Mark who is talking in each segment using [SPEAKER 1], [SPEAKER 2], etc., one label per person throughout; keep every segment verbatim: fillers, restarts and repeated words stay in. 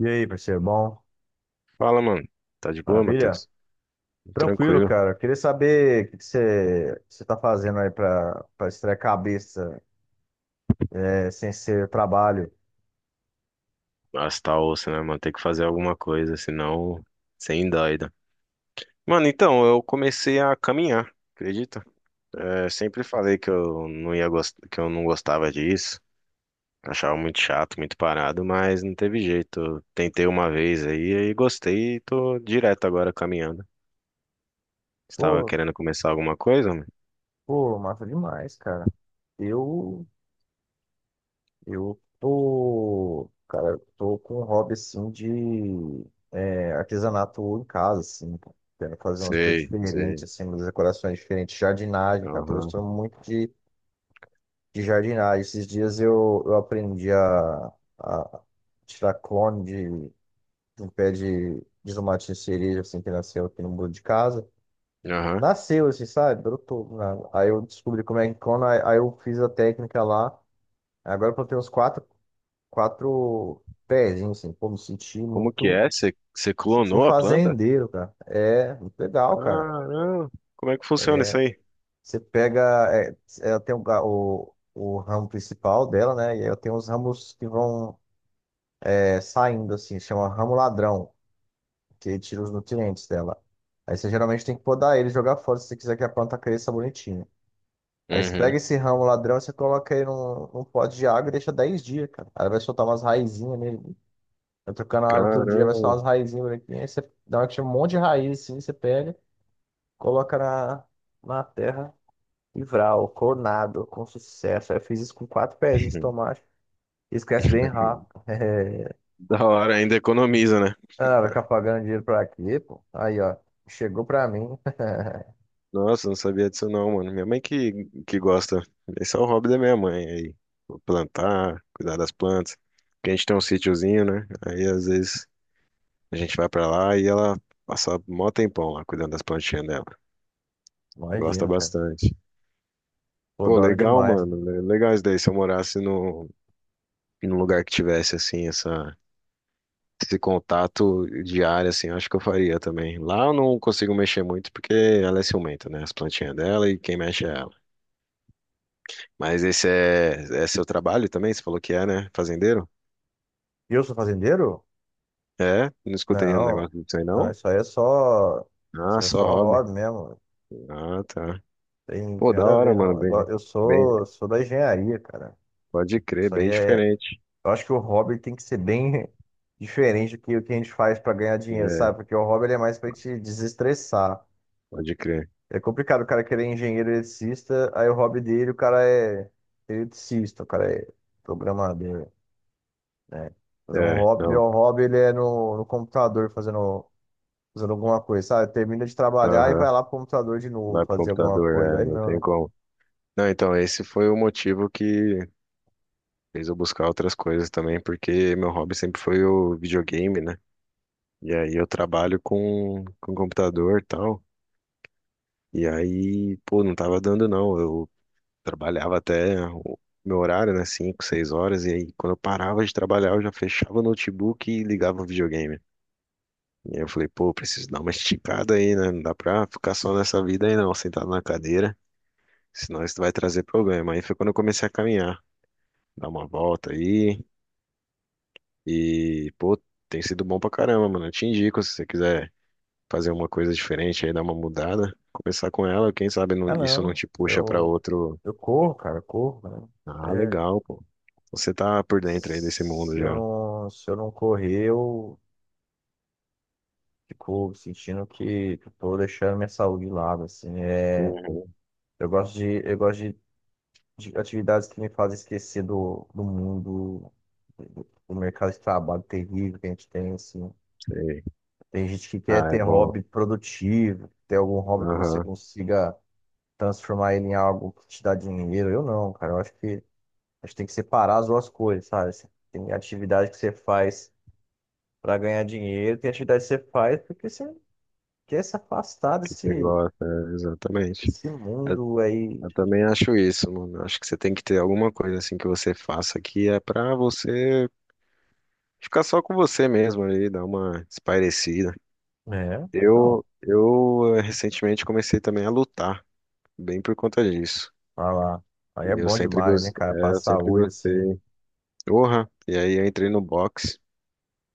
[SPEAKER 1] E aí, parceiro, bom?
[SPEAKER 2] Fala, mano. Tá de boa,
[SPEAKER 1] Maravilha?
[SPEAKER 2] Matheus?
[SPEAKER 1] Tranquilo,
[SPEAKER 2] Tranquilo.
[SPEAKER 1] cara. Queria saber o que que você você tá fazendo aí pra, pra distrair a cabeça, é, sem ser trabalho.
[SPEAKER 2] Mas tá osso, né, mano? Tem que fazer alguma coisa, senão, sem doida. Mano, então, eu comecei a caminhar, acredita? É, sempre falei que eu não ia gost... que eu não gostava disso. Achava muito chato, muito parado, mas não teve jeito. Eu Tentei uma vez aí e gostei e tô direto agora caminhando. Você tava
[SPEAKER 1] Pô,
[SPEAKER 2] querendo começar alguma coisa, mano?
[SPEAKER 1] pô, massa demais, cara. Eu, eu tô, tô com um hobby, assim, de é, artesanato em casa, assim. Quero fazer umas coisas
[SPEAKER 2] Sei,
[SPEAKER 1] diferentes,
[SPEAKER 2] sei.
[SPEAKER 1] assim, umas decorações diferentes. Jardinagem, cara. Tô
[SPEAKER 2] Aham,
[SPEAKER 1] gostando muito de de jardinagem. Esses dias eu, eu aprendi a, a tirar clone de, de um pé de, de tomate de cereja, assim, que nasceu aqui no muro de casa.
[SPEAKER 2] aham.
[SPEAKER 1] Nasceu, assim, sabe? Brotou, né? Aí eu descobri como é que clona, aí aí eu fiz a técnica lá. Agora eu plantei uns quatro, quatro pezinhos, assim. Pô, me senti
[SPEAKER 2] Como que
[SPEAKER 1] muito...
[SPEAKER 2] é? Você você
[SPEAKER 1] Me senti um
[SPEAKER 2] clonou a planta?
[SPEAKER 1] fazendeiro, cara. É, muito legal, cara.
[SPEAKER 2] Caramba, como é que funciona isso aí?
[SPEAKER 1] Você pega... É, ela tem o, ga- o, o ramo principal dela, né? E aí eu tenho os ramos que vão é, saindo, assim, chama ramo ladrão, que ele tira os nutrientes dela. Aí você geralmente tem que podar ele e jogar fora se você quiser que a planta cresça bonitinha. Aí você pega
[SPEAKER 2] Uhum.
[SPEAKER 1] esse ramo ladrão, você coloca ele num, num pote de água e deixa dez dias, cara. Aí vai soltar umas raizinhas nele. Vai trocando a água todo dia, vai soltar
[SPEAKER 2] Caramba,
[SPEAKER 1] umas raizinhas bonitinhas. Aí você dá uma, que chama um monte de raiz assim, você pega, coloca na, na terra e vral, coronado, com sucesso. Aí eu fiz isso com quatro pezinhos de tomate. Esquece bem rápido.
[SPEAKER 2] da hora, ainda economiza, né?
[SPEAKER 1] Ah, vai ficar pagando dinheiro pra quê, pô? Aí, ó. Chegou pra mim.
[SPEAKER 2] Nossa, não sabia disso não, mano. Minha mãe que, que gosta. Esse é o hobby da minha mãe aí. Plantar, cuidar das plantas. Porque a gente tem um sítiozinho, né? Aí às vezes a gente vai pra lá e ela passa mó tempão lá cuidando das plantinhas dela. Gosta
[SPEAKER 1] Imagino, cara.
[SPEAKER 2] bastante.
[SPEAKER 1] Pô,
[SPEAKER 2] Pô,
[SPEAKER 1] da hora
[SPEAKER 2] legal,
[SPEAKER 1] demais.
[SPEAKER 2] mano. Le- Legal isso daí. Se eu morasse no, num lugar que tivesse assim, essa. Esse contato diário, assim, eu acho que eu faria também. Lá eu não consigo mexer muito porque ela é ciumenta, né? As plantinhas dela e quem mexe é ela. Mas esse é, é seu trabalho também? Você falou que é, né? Fazendeiro?
[SPEAKER 1] E eu sou fazendeiro?
[SPEAKER 2] É? Não escutei um
[SPEAKER 1] Não.
[SPEAKER 2] negócio disso aí,
[SPEAKER 1] Não,
[SPEAKER 2] não?
[SPEAKER 1] isso aí é só. Isso
[SPEAKER 2] Ah,
[SPEAKER 1] aí é
[SPEAKER 2] só
[SPEAKER 1] só
[SPEAKER 2] hobby.
[SPEAKER 1] hobby mesmo.
[SPEAKER 2] Ah, tá.
[SPEAKER 1] Tem
[SPEAKER 2] Pô,
[SPEAKER 1] tem
[SPEAKER 2] da
[SPEAKER 1] nada a
[SPEAKER 2] hora,
[SPEAKER 1] ver,
[SPEAKER 2] mano.
[SPEAKER 1] não. Eu,
[SPEAKER 2] Bem,
[SPEAKER 1] go- eu
[SPEAKER 2] bem,
[SPEAKER 1] sou, sou da engenharia, cara.
[SPEAKER 2] pode crer,
[SPEAKER 1] Isso aí
[SPEAKER 2] bem
[SPEAKER 1] é.
[SPEAKER 2] diferente.
[SPEAKER 1] Eu acho que o hobby tem que ser bem diferente do que o que a gente faz pra ganhar dinheiro,
[SPEAKER 2] É,
[SPEAKER 1] sabe? Porque o hobby ele é mais pra te desestressar.
[SPEAKER 2] pode crer.
[SPEAKER 1] É complicado o cara querer engenheiro eletricista, aí o hobby dele, o cara é eletricista, o cara é programador, né? Fazer um
[SPEAKER 2] É,
[SPEAKER 1] hobby, meu
[SPEAKER 2] não.
[SPEAKER 1] hobby ele é no, no computador fazendo, fazendo alguma coisa, sabe? Termina de trabalhar e vai
[SPEAKER 2] Aham.
[SPEAKER 1] lá pro computador de novo
[SPEAKER 2] Vai pro
[SPEAKER 1] fazer alguma
[SPEAKER 2] computador,
[SPEAKER 1] coisa. Aí
[SPEAKER 2] é, não
[SPEAKER 1] não,
[SPEAKER 2] tem
[SPEAKER 1] né?
[SPEAKER 2] como. Não, então, esse foi o motivo que fez eu buscar outras coisas também, porque meu hobby sempre foi o videogame, né? E aí eu trabalho com, com computador e tal. E aí, pô, não tava dando não. Eu trabalhava até o meu horário, né? Cinco, seis horas. E aí, quando eu parava de trabalhar, eu já fechava o notebook e ligava o videogame. E aí eu falei, pô, preciso dar uma esticada aí, né? Não dá pra ficar só nessa vida aí não, sentado na cadeira. Senão isso vai trazer problema. Aí foi quando eu comecei a caminhar. Dar uma volta aí. E, pô, tem sido bom pra caramba, mano. Eu te indico, se você quiser fazer uma coisa diferente aí, dar uma mudada, começar com ela, quem sabe não,
[SPEAKER 1] Ah,
[SPEAKER 2] isso não
[SPEAKER 1] não,
[SPEAKER 2] te puxa pra
[SPEAKER 1] eu,
[SPEAKER 2] outro.
[SPEAKER 1] eu corro, cara, eu corro,
[SPEAKER 2] Ah,
[SPEAKER 1] né? É,
[SPEAKER 2] legal, pô. Você tá por dentro aí desse mundo
[SPEAKER 1] se eu
[SPEAKER 2] já.
[SPEAKER 1] não, se eu não correr, eu fico sentindo que, que eu tô deixando minha saúde de lado, assim, é...
[SPEAKER 2] Uhum,
[SPEAKER 1] Eu gosto de, eu gosto de de atividades que me fazem esquecer do, do mundo, do, do mercado de trabalho terrível que a gente tem, assim.
[SPEAKER 2] sei.
[SPEAKER 1] Tem gente que quer
[SPEAKER 2] Ah, é
[SPEAKER 1] ter
[SPEAKER 2] bom.
[SPEAKER 1] hobby produtivo, ter algum hobby que você
[SPEAKER 2] Aham,
[SPEAKER 1] consiga transformar ele em algo que te dá dinheiro. Eu não, cara. Eu acho que a gente tem que separar as duas coisas, sabe? Você tem atividade que você faz para ganhar dinheiro, tem atividade que você faz porque você quer se afastar
[SPEAKER 2] você
[SPEAKER 1] desse,
[SPEAKER 2] gosta, é, exatamente.
[SPEAKER 1] desse
[SPEAKER 2] Eu,
[SPEAKER 1] mundo aí.
[SPEAKER 2] eu também acho isso, mano. Eu Acho que você tem que ter alguma coisa assim que você faça que é pra você ficar só com você mesmo ali, dar uma espairecida.
[SPEAKER 1] É, então,
[SPEAKER 2] Eu, eu eh, recentemente comecei também a lutar, bem por conta disso.
[SPEAKER 1] vai lá. Aí é
[SPEAKER 2] E eu
[SPEAKER 1] bom
[SPEAKER 2] sempre,
[SPEAKER 1] demais, hein,
[SPEAKER 2] gos-
[SPEAKER 1] cara?
[SPEAKER 2] é,
[SPEAKER 1] Pra
[SPEAKER 2] eu sempre
[SPEAKER 1] saúde, assim.
[SPEAKER 2] gostei. Porra! E aí eu entrei no boxe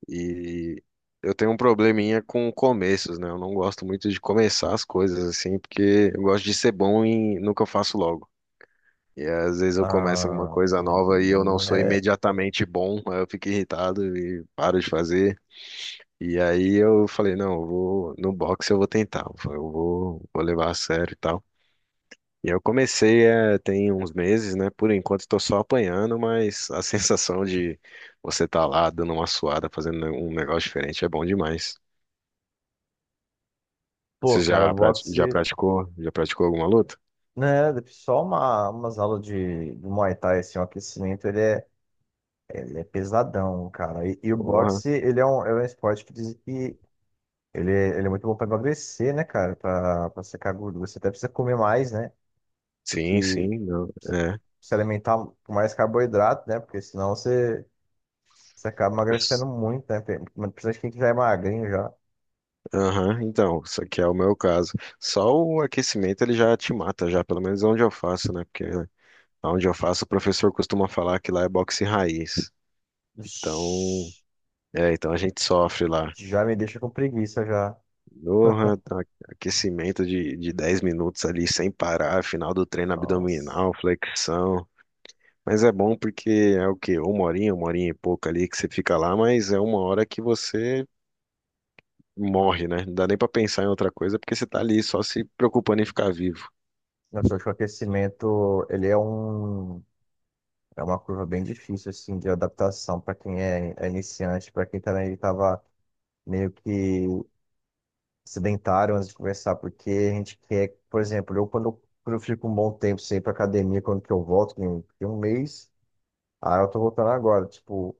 [SPEAKER 2] e eu tenho um probleminha com começos, né? Eu não gosto muito de começar as coisas assim, porque eu gosto de ser bom em... no que eu faço logo. E às vezes eu começo alguma
[SPEAKER 1] Ah,
[SPEAKER 2] coisa nova e
[SPEAKER 1] entendi. Aí
[SPEAKER 2] eu não sou
[SPEAKER 1] é.
[SPEAKER 2] imediatamente bom, aí eu fico irritado e paro de fazer. E aí eu falei, não, eu vou no boxe, eu vou tentar, eu vou, vou levar a sério e tal. E eu comecei é, tem uns meses, né? Por enquanto estou só apanhando, mas a sensação de você estar lá dando uma suada, fazendo um negócio diferente é bom demais.
[SPEAKER 1] Pô,
[SPEAKER 2] Você
[SPEAKER 1] cara, o
[SPEAKER 2] já, prati- já
[SPEAKER 1] boxe,
[SPEAKER 2] praticou? Já praticou alguma luta?
[SPEAKER 1] né? Só uma, umas aulas de, de Muay Thai, assim, o aquecimento, ele é, ele é pesadão, cara. E, e o
[SPEAKER 2] Porra.
[SPEAKER 1] boxe, ele é um, é um esporte que dizem que ele, é- ele é muito bom pra emagrecer, né, cara? Pra, pra secar gordura. Você até precisa comer mais, né? Do
[SPEAKER 2] Sim,
[SPEAKER 1] que
[SPEAKER 2] sim, não,
[SPEAKER 1] precisa
[SPEAKER 2] é.
[SPEAKER 1] se alimentar com mais carboidrato, né? Porque senão você, você acaba emagrecendo muito, né? Tem- Principalmente quem que já é magrinho já.
[SPEAKER 2] Aham, então, isso aqui é o meu caso. Só o aquecimento ele já te mata, já, pelo menos onde eu faço, né? Porque onde eu faço, o professor costuma falar que lá é boxe raiz. Então,
[SPEAKER 1] Vixe,
[SPEAKER 2] é, então a gente sofre lá.
[SPEAKER 1] já me deixa com preguiça já.
[SPEAKER 2] Doha, tá, aquecimento de, de dez minutos ali sem parar, final do treino
[SPEAKER 1] Nossa.
[SPEAKER 2] abdominal, flexão. Mas é bom porque é o quê? Uma horinha, uma horinha e pouco ali que você fica lá, mas é uma hora que você morre, né? Não dá nem pra pensar em outra coisa porque você tá ali só se preocupando em ficar vivo.
[SPEAKER 1] Nossa, eu que o aquecimento, ele é um, é uma curva bem difícil, assim, de adaptação para quem é, é iniciante, para quem também estava meio que sedentário antes de começar, porque a gente quer, por exemplo, eu quando, quando eu fico um bom tempo sem ir para academia, quando que eu volto, tem um tem um mês, aí eu tô voltando agora, tipo,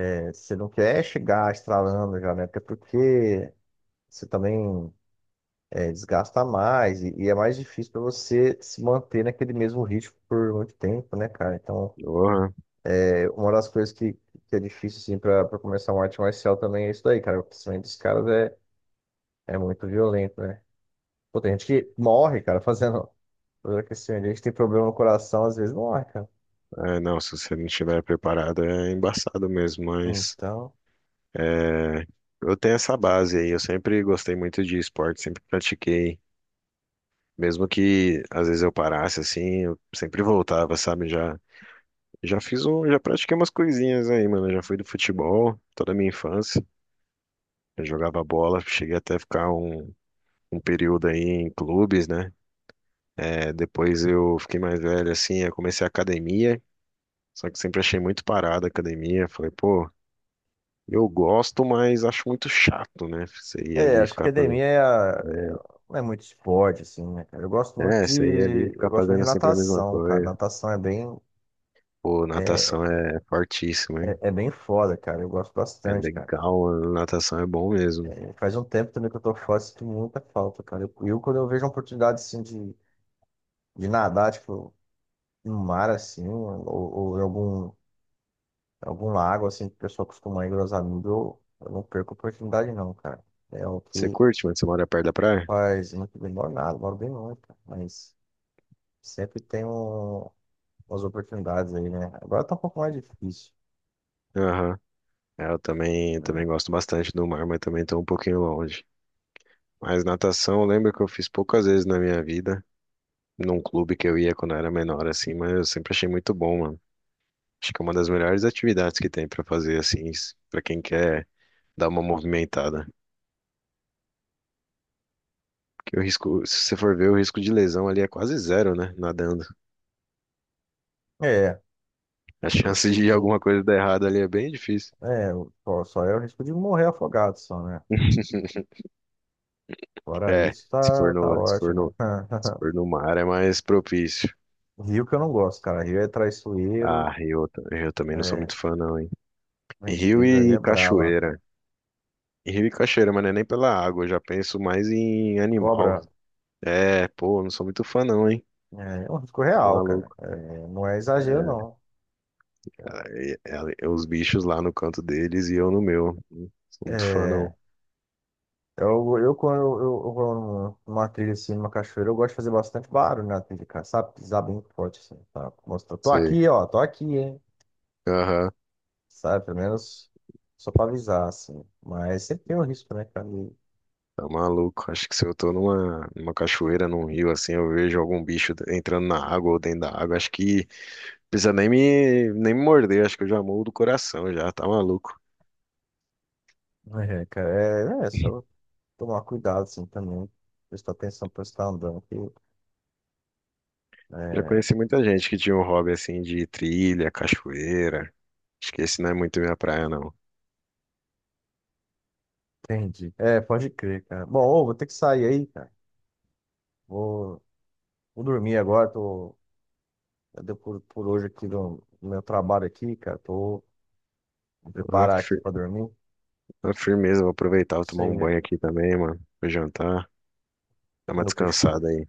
[SPEAKER 1] é, você não quer chegar estralando já, né? Até porque você também é, desgasta mais e, e é mais difícil para você se manter naquele mesmo ritmo por muito tempo, né, cara? Então,
[SPEAKER 2] Doha,
[SPEAKER 1] é, uma das coisas que, que é difícil, assim, para começar uma arte marcial também é isso daí, cara. O aquecimento dos caras é, é muito violento, né? Pô, tem gente que morre, cara, fazendo, fazendo, aquecimento. A gente tem problema no coração, às vezes morre, cara.
[SPEAKER 2] é, não, se você não estiver preparado é embaçado mesmo, mas
[SPEAKER 1] Então,
[SPEAKER 2] é, eu tenho essa base aí. Eu sempre gostei muito de esporte, sempre pratiquei. Mesmo que às vezes eu parasse assim, eu sempre voltava, sabe? Já, já fiz um, já pratiquei umas coisinhas aí, mano. Eu Já fui do futebol toda a minha infância. Eu jogava bola, cheguei até ficar um, um período aí em clubes, né? É, depois eu fiquei mais velho assim, eu comecei a academia, só que sempre achei muito parada a academia. Falei, pô, eu gosto, mas acho muito chato, né? Você ir
[SPEAKER 1] é,
[SPEAKER 2] ali e
[SPEAKER 1] acho que
[SPEAKER 2] ficar fazendo.
[SPEAKER 1] academia é, a- é- não é muito esporte, assim, né, cara? Eu gosto muito
[SPEAKER 2] É,
[SPEAKER 1] de,
[SPEAKER 2] você ir ali e
[SPEAKER 1] eu
[SPEAKER 2] ficar
[SPEAKER 1] gosto muito de
[SPEAKER 2] fazendo sempre a mesma
[SPEAKER 1] natação, cara.
[SPEAKER 2] coisa.
[SPEAKER 1] Natação é bem,
[SPEAKER 2] Pô,
[SPEAKER 1] é,
[SPEAKER 2] natação é fortíssimo, hein?
[SPEAKER 1] é é bem foda, cara. Eu gosto
[SPEAKER 2] É
[SPEAKER 1] bastante, cara.
[SPEAKER 2] legal, natação é bom mesmo.
[SPEAKER 1] É, faz um tempo também que eu tô fora, sinto muita falta, cara. Eu, eu, quando eu vejo uma oportunidade assim de, de nadar, tipo, no mar assim, ou, ou em algum, algum lago assim, que o pessoal costuma ir com os amigos, eu, eu não perco a oportunidade não, cara. É o
[SPEAKER 2] Você
[SPEAKER 1] que
[SPEAKER 2] curte, mas você mora perto da praia?
[SPEAKER 1] faz muito bem, moro nada, moro bem longe, cara. Mas sempre tem um, umas oportunidades aí, né? Agora tá um pouco mais difícil,
[SPEAKER 2] Aham. É, eu também, eu
[SPEAKER 1] né?
[SPEAKER 2] também gosto bastante do mar, mas também estou um pouquinho longe. Mas natação, eu lembro que eu fiz poucas vezes na minha vida, num clube que eu ia quando eu era menor, assim, mas eu sempre achei muito bom, mano. Acho que é uma das melhores atividades que tem pra fazer, assim, s- pra quem quer dar uma movimentada. Porque o risco, se você for ver, o risco de lesão ali é quase zero, né? Nadando.
[SPEAKER 1] É,
[SPEAKER 2] A
[SPEAKER 1] eu
[SPEAKER 2] chance
[SPEAKER 1] sou,
[SPEAKER 2] de
[SPEAKER 1] sou-
[SPEAKER 2] alguma coisa dar errado ali é bem difícil.
[SPEAKER 1] é, eu- só só é o risco de morrer afogado só, né? Fora
[SPEAKER 2] É,
[SPEAKER 1] isso,
[SPEAKER 2] se for
[SPEAKER 1] tá, tá
[SPEAKER 2] no, se for
[SPEAKER 1] ótimo.
[SPEAKER 2] no, se for no mar é mais propício.
[SPEAKER 1] Rio que eu não gosto, cara. Rio é
[SPEAKER 2] Ah,
[SPEAKER 1] traiçoeiro.
[SPEAKER 2] rio, eu ta- eu também não sou
[SPEAKER 1] é,
[SPEAKER 2] muito fã não, hein. Rio
[SPEAKER 1] Ventura aí é
[SPEAKER 2] e
[SPEAKER 1] brava.
[SPEAKER 2] cachoeira. Rio e cachoeira, mas não é nem pela água, eu já penso mais em animal.
[SPEAKER 1] Cobra
[SPEAKER 2] É, pô, eu não sou muito fã não, hein.
[SPEAKER 1] é é um risco
[SPEAKER 2] Tá
[SPEAKER 1] real, cara.
[SPEAKER 2] maluco.
[SPEAKER 1] É, não é exagero,
[SPEAKER 2] É,
[SPEAKER 1] não.
[SPEAKER 2] é, é é os bichos lá no canto deles e eu no meu. Não sou muito fã
[SPEAKER 1] É,
[SPEAKER 2] não.
[SPEAKER 1] eu, eu, quando eu, eu vou num- numa trilha assim, numa cachoeira, eu gosto de fazer bastante barulho na trilha, cara, sabe? Pisar bem forte assim, tá? Mostrar, tô
[SPEAKER 2] Sei.
[SPEAKER 1] aqui, ó, tô aqui, hein?
[SPEAKER 2] Aham.
[SPEAKER 1] Sabe? Pelo menos só pra avisar, assim. Mas sempre tem um risco, né, cara? E-
[SPEAKER 2] Tá maluco. Acho que se eu tô numa, numa cachoeira, num rio assim, eu vejo algum bicho entrando na água ou dentro da água, acho que precisa nem me, nem me morder, acho que eu já morro do coração já, tá maluco.
[SPEAKER 1] É, cara, é, é só tomar cuidado, assim, também. Prestar atenção pra você estar andando, que
[SPEAKER 2] Já
[SPEAKER 1] é.
[SPEAKER 2] conheci muita gente que tinha um hobby assim de trilha, cachoeira. Acho que esse não é muito minha praia, não.
[SPEAKER 1] Entendi. É, pode crer, cara. Bom, ô, vou ter que sair aí, cara. Vou, vou dormir agora. Tô, já deu por, por hoje aqui no, no meu trabalho aqui, cara. Tô vou
[SPEAKER 2] Uma
[SPEAKER 1] preparar aqui
[SPEAKER 2] fir-
[SPEAKER 1] pra dormir.
[SPEAKER 2] uma firmeza, vou aproveitar, vou
[SPEAKER 1] Isso
[SPEAKER 2] tomar
[SPEAKER 1] aí,
[SPEAKER 2] um
[SPEAKER 1] velho.
[SPEAKER 2] banho aqui também, mano. Vou jantar, dar uma
[SPEAKER 1] Não fechou, velho.
[SPEAKER 2] descansada aí.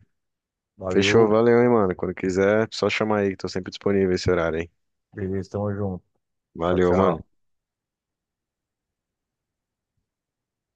[SPEAKER 2] Fechou,
[SPEAKER 1] Valeu.
[SPEAKER 2] valeu, hein, mano. Quando quiser, só chamar aí, que tô sempre disponível esse horário, hein.
[SPEAKER 1] Beleza, tamo junto. Tchau,
[SPEAKER 2] Valeu, mano.
[SPEAKER 1] tchau.